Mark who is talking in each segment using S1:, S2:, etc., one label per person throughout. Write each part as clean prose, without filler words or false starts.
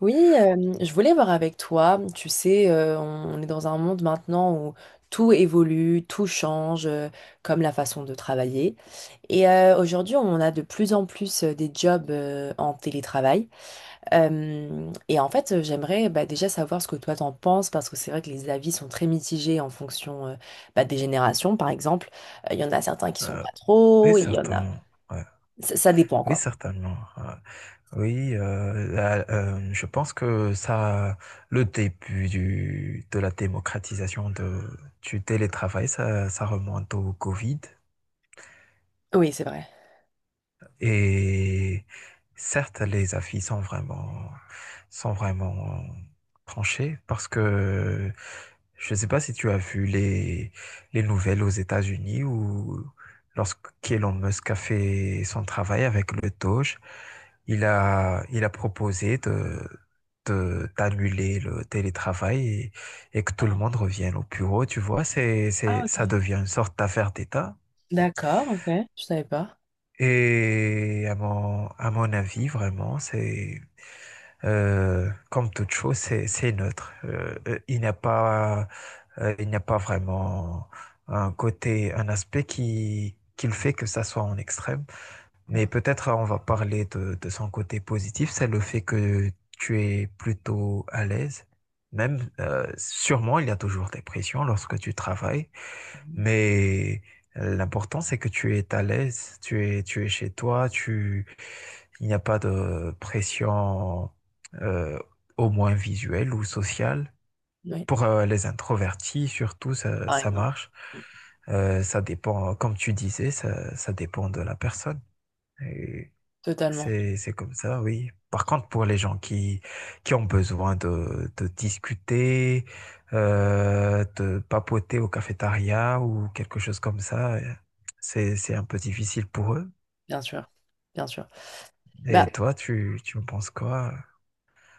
S1: Oui, je voulais voir avec toi. Tu sais, on est dans un monde maintenant où tout évolue, tout change, comme la façon de travailler. Et aujourd'hui, on a de plus en plus des jobs en télétravail. Et en fait, j'aimerais bah, déjà savoir ce que toi t'en penses, parce que c'est vrai que les avis sont très mitigés en fonction bah, des générations, par exemple. Il y en a certains qui sont
S2: Euh,
S1: pas
S2: oui,
S1: trop, il y en a...
S2: certainement. Ouais.
S1: Ça dépend,
S2: Oui,
S1: quoi.
S2: certainement. Ouais. Oui, je pense que le début de la démocratisation du télétravail, ça remonte au Covid.
S1: Oui, c'est vrai.
S2: Et certes, les avis sont vraiment tranchés parce que je ne sais pas si tu as vu les nouvelles aux États-Unis où lorsque Elon Musk a fait son travail avec le Doge, il a proposé d'annuler le télétravail et que tout le
S1: Ah,
S2: monde revienne au bureau. Tu vois,
S1: ah, ok.
S2: ça devient une sorte d'affaire d'État.
S1: D'accord, ok. Je savais pas.
S2: Et à mon avis, vraiment, c'est comme toute chose, c'est neutre. Il n'y a pas, il n'y a pas vraiment un aspect qui le fait que ça soit en extrême. Mais
S1: Bon.
S2: peut-être on va parler de son côté positif, c'est le fait que tu es plutôt à l'aise. Même, sûrement, il y a toujours des pressions lorsque tu travailles. Mais l'important, c'est que tu es à l'aise, tu es chez toi, il n'y a pas de pression, euh, au moins visuelle ou sociale.
S1: Oui,
S2: Pour les introvertis, surtout,
S1: par
S2: ça
S1: exemple.
S2: marche. Ça dépend, comme tu disais, ça dépend de la personne. Et
S1: Totalement,
S2: c'est comme ça, oui. Par contre, pour les gens qui ont besoin de discuter, de papoter au cafétéria ou quelque chose comme ça, c'est un peu difficile pour eux.
S1: bien sûr, bien sûr. Bah,
S2: Et toi, tu me penses quoi?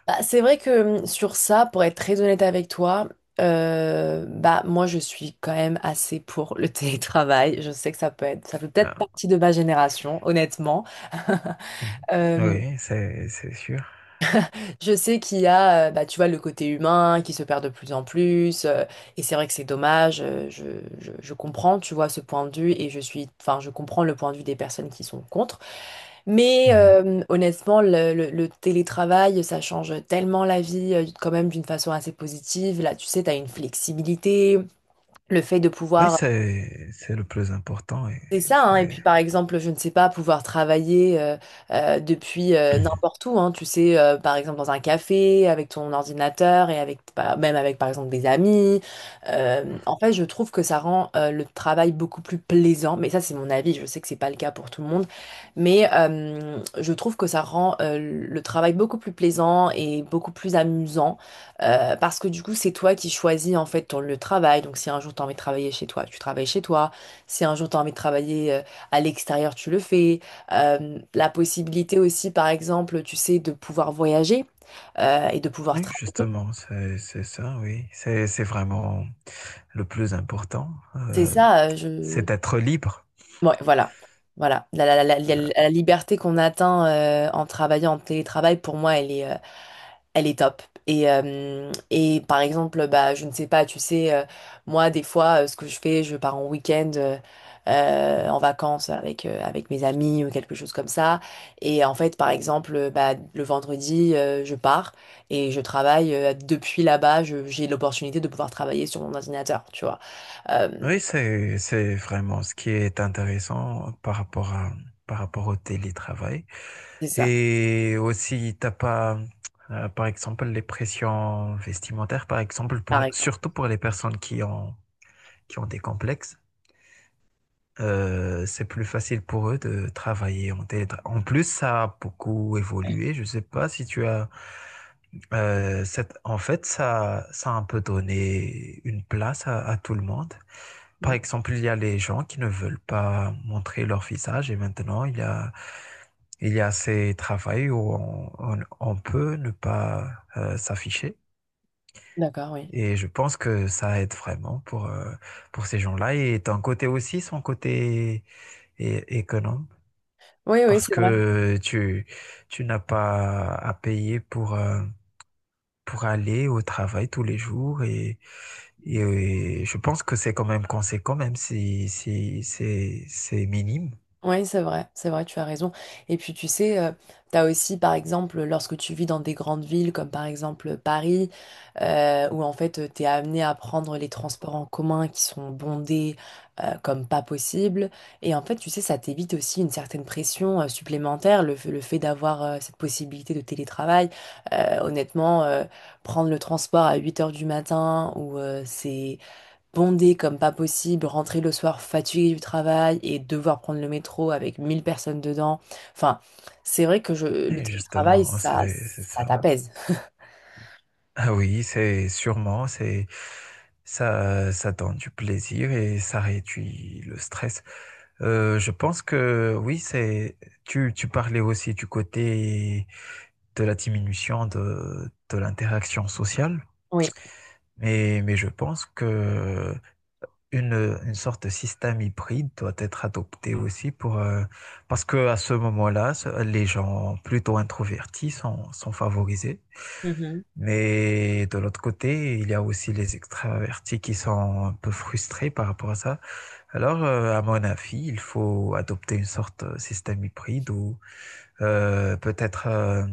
S1: bah, c'est vrai que sur ça, pour être très honnête avec toi, bah moi je suis quand même assez pour le télétravail. Je sais que ça peut être, ça fait peut-être
S2: Ah,
S1: partie de ma génération, honnêtement.
S2: mm.
S1: Euh,
S2: Oui, c'est sûr.
S1: je sais qu'il y a, bah, tu vois, le côté humain qui se perd de plus en plus, et c'est vrai que c'est dommage. Je comprends, tu vois, ce point de vue, et je suis, enfin, je comprends le point de vue des personnes qui sont contre. Mais
S2: Mhm.
S1: honnêtement, le télétravail, ça change tellement la vie, quand même d'une façon assez positive. Là, tu sais, tu as une flexibilité, le fait de
S2: Oui,
S1: pouvoir,
S2: c'est le plus important. Et
S1: c'est ça, hein. Et
S2: c'est...
S1: puis par exemple, je ne sais pas, pouvoir travailler depuis n'importe où, hein. Tu sais, par exemple dans un café, avec ton ordinateur et avec bah, même avec par exemple des amis. En fait, je trouve que ça rend le travail beaucoup plus plaisant. Mais ça, c'est mon avis, je sais que c'est pas le cas pour tout le monde. Mais je trouve que ça rend le travail beaucoup plus plaisant et beaucoup plus amusant. Parce que du coup, c'est toi qui choisis en fait ton lieu de travail. Donc si un jour tu as envie de travailler chez toi, tu travailles chez toi. Si un jour tu as envie de travailler à l'extérieur, tu le fais. La possibilité aussi, par exemple, tu sais, de pouvoir voyager et de pouvoir
S2: Oui,
S1: travailler.
S2: justement, c'est ça, oui. C'est vraiment le plus important.
S1: C'est ça,
S2: C'est
S1: je...
S2: d'être libre.
S1: Ouais, voilà. Voilà. La liberté qu'on atteint en travaillant en télétravail, pour moi, elle est top. Et par exemple, bah, je ne sais pas, tu sais, moi, des fois, ce que je fais, je pars en week-end en vacances avec mes amis ou quelque chose comme ça. Et en fait, par exemple, bah, le vendredi, je pars et je travaille depuis là-bas. J'ai l'opportunité de pouvoir travailler sur mon ordinateur, tu vois. Euh,
S2: Oui, c'est vraiment ce qui est intéressant par rapport par rapport au télétravail.
S1: c'est ça,
S2: Et aussi, t'as pas, par exemple, les pressions vestimentaires, par exemple,
S1: par exemple.
S2: surtout pour les personnes qui qui ont des complexes, c'est plus facile pour eux de travailler en télétravail. En plus, ça a beaucoup évolué. Je sais pas si tu as, en fait, ça a un peu donné une place à tout le monde. Par
S1: Mm.
S2: exemple, il y a les gens qui ne veulent pas montrer leur visage et maintenant il y a ces travails où on peut ne pas s'afficher.
S1: D'accord, oui.
S2: Et je pense que ça aide vraiment pour ces gens-là. Et d'un côté aussi, son côté économe,
S1: Oui, oui,
S2: parce
S1: c'est vrai.
S2: que tu n'as pas à payer pour aller au travail tous les jours et, je pense que c'est quand même conséquent, même si c'est minime.
S1: Oui, c'est vrai, tu as raison. Et puis tu sais, tu as aussi par exemple lorsque tu vis dans des grandes villes comme par exemple Paris, où en fait tu es amené à prendre les transports en commun qui sont bondés comme pas possible. Et en fait, tu sais, ça t'évite aussi une certaine pression supplémentaire, le fait d'avoir cette possibilité de télétravail. Honnêtement, prendre le transport à 8 heures du matin ou c'est bondé comme pas possible, rentrer le soir fatigué du travail et devoir prendre le métro avec 1 000 personnes dedans. Enfin, c'est vrai que je, le
S2: Et
S1: télétravail,
S2: justement,
S1: ça,
S2: c'est
S1: ça
S2: ça.
S1: t'apaise.
S2: Ah oui, c'est sûrement, c'est ça donne du plaisir et ça réduit le stress. Je pense que oui, c'est tu, tu parlais aussi du côté de la diminution de l'interaction sociale,
S1: Oui.
S2: mais je pense que une sorte de système hybride doit être adopté aussi pour, parce que à ce moment-là, les gens plutôt introvertis sont favorisés.
S1: Mhm.
S2: Mais de l'autre côté, il y a aussi les extravertis qui sont un peu frustrés par rapport à ça. Alors, à mon avis, il faut adopter une sorte de système hybride où peut-être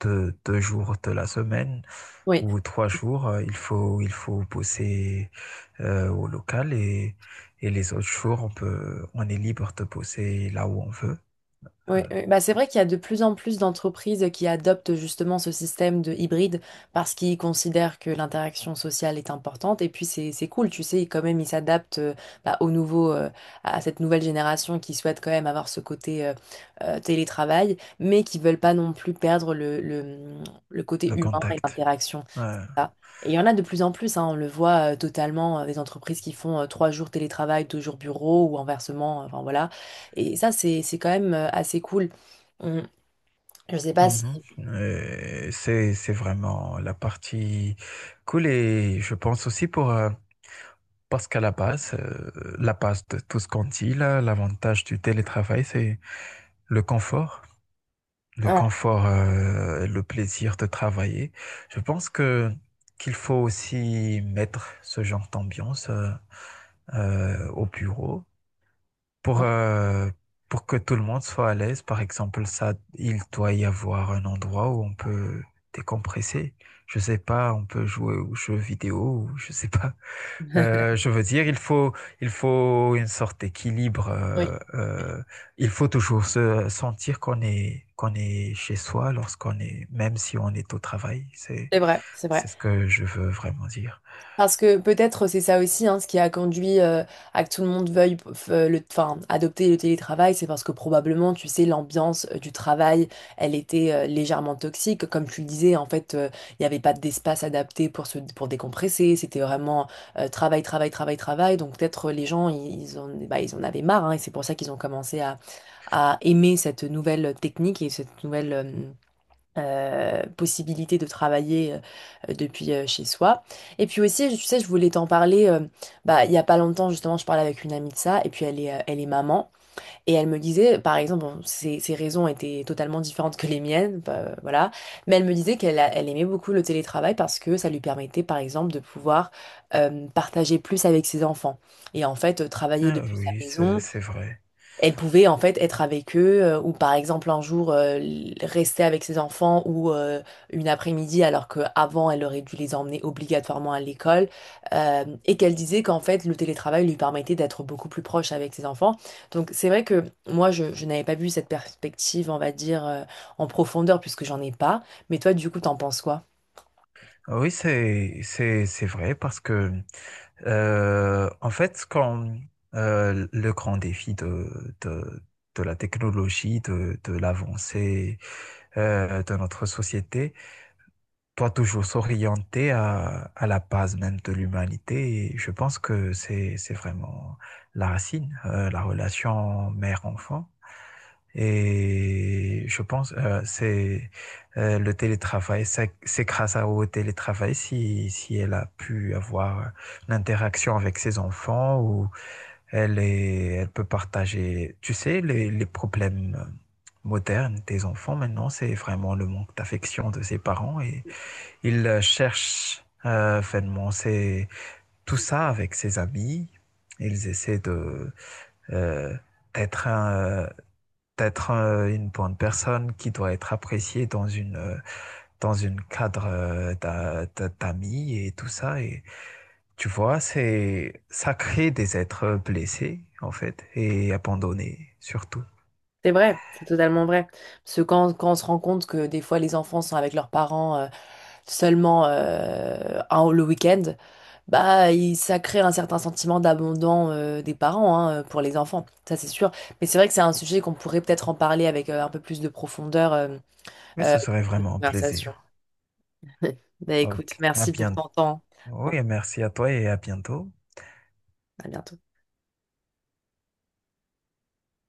S2: deux, deux jours de la semaine,
S1: Oui.
S2: ou trois jours, il faut bosser au local et les autres jours, on est libre de bosser là où on veut,
S1: Oui, oui. Bah, c'est vrai qu'il y a de plus en plus d'entreprises qui adoptent justement ce système de hybride parce qu'ils considèrent que l'interaction sociale est importante et puis c'est cool, tu sais, quand même ils s'adaptent bah, au nouveau à cette nouvelle génération qui souhaite quand même avoir ce côté télétravail mais qui veulent pas non plus perdre le
S2: le
S1: côté humain et
S2: contact.
S1: l'interaction
S2: Ouais.
S1: et il y en a de plus en plus, hein, on le voit totalement, des entreprises qui font 3 jours télétravail, 2 jours bureau ou inversement, enfin voilà. Et ça, c'est quand même assez cool. On- je sais pas si...
S2: Mhm. C'est vraiment la partie cool et je pense aussi pour, parce qu'à la base de tout ce qu'on dit là, l'avantage du télétravail, c'est le confort. Le
S1: Ouais,
S2: confort, le plaisir de travailler. Je pense que qu'il faut aussi mettre ce genre d'ambiance au bureau pour
S1: ouais.
S2: euh, pour que tout le monde soit à l'aise. Par exemple, ça, il doit y avoir un endroit où on peut décompresser. Je sais pas, on peut jouer aux jeux vidéo, ou je sais pas. Je veux dire, il faut une sorte d'équilibre.
S1: Oui,
S2: Il faut toujours se sentir qu'on qu'on est chez soi lorsqu'on est, même si on est au travail.
S1: c'est vrai, c'est vrai.
S2: C'est ce que je veux vraiment dire.
S1: Parce que peut-être c'est ça aussi hein, ce qui a conduit à que tout le monde veuille le, enfin, adopter le télétravail, c'est parce que probablement, tu sais, l'ambiance du travail, elle était légèrement toxique. Comme tu le disais, en fait, il n'y avait pas d'espace adapté pour se, pour décompresser. C'était vraiment travail, travail, travail, travail. Donc peut-être les gens, bah, ils en avaient marre hein, et c'est pour ça qu'ils ont commencé à aimer cette nouvelle technique et cette nouvelle, possibilité de travailler depuis chez soi. Et puis aussi, tu sais, je voulais t'en parler, bah, il y a pas longtemps, justement, je parlais avec une amie de ça, et puis elle est maman, et elle me disait, par exemple, bon, ses raisons étaient totalement différentes que les miennes, bah, voilà, mais elle me disait elle aimait beaucoup le télétravail parce que ça lui permettait, par exemple, de pouvoir partager plus avec ses enfants. Et en fait, travailler
S2: Ah
S1: depuis sa
S2: oui,
S1: maison,
S2: c'est vrai.
S1: elle pouvait en fait être avec eux ou par exemple un jour rester avec ses enfants ou une après-midi alors qu'avant elle aurait dû les emmener obligatoirement à l'école et qu'elle disait qu'en fait le télétravail lui permettait d'être beaucoup plus proche avec ses enfants. Donc c'est vrai que moi je n'avais pas vu cette perspective on va dire en profondeur puisque j'en ai pas, mais toi du coup t'en penses quoi?
S2: Ah oui, c'est vrai parce que, en fait, quand le grand défi de la technologie, de l'avancée de notre société, toi, toujours s'orienter à la base même de l'humanité, et je pense que c'est vraiment la racine, la relation mère-enfant. Et je pense c'est le télétravail, c'est grâce à- au télétravail si elle a pu avoir l'interaction avec ses enfants ou elle peut partager, tu sais, les problèmes modernes des enfants maintenant, c'est vraiment le manque d'affection de ses parents et ils cherchent finalement c'est tout ça avec ses amis. Ils essaient de euh, d'être un- euh, d'être une bonne personne qui doit être appréciée dans une cadre d'amis et tout ça et tu vois c'est ça crée des êtres blessés en fait et abandonnés surtout.
S1: C'est vrai, c'est totalement vrai. Parce que quand on se rend compte que des fois les enfants sont avec leurs parents seulement le week-end, bah, ça crée un certain sentiment d'abandon des parents hein, pour les enfants, ça c'est sûr. Mais c'est vrai que c'est un sujet qu'on pourrait peut-être en parler avec un peu plus de profondeur
S2: Oui, ce serait
S1: dans notre
S2: vraiment un
S1: conversation.
S2: plaisir.
S1: Bah écoute,
S2: Ok, à
S1: merci pour
S2: bientôt.
S1: ton temps. À
S2: Oui, merci à toi et à bientôt.
S1: bientôt.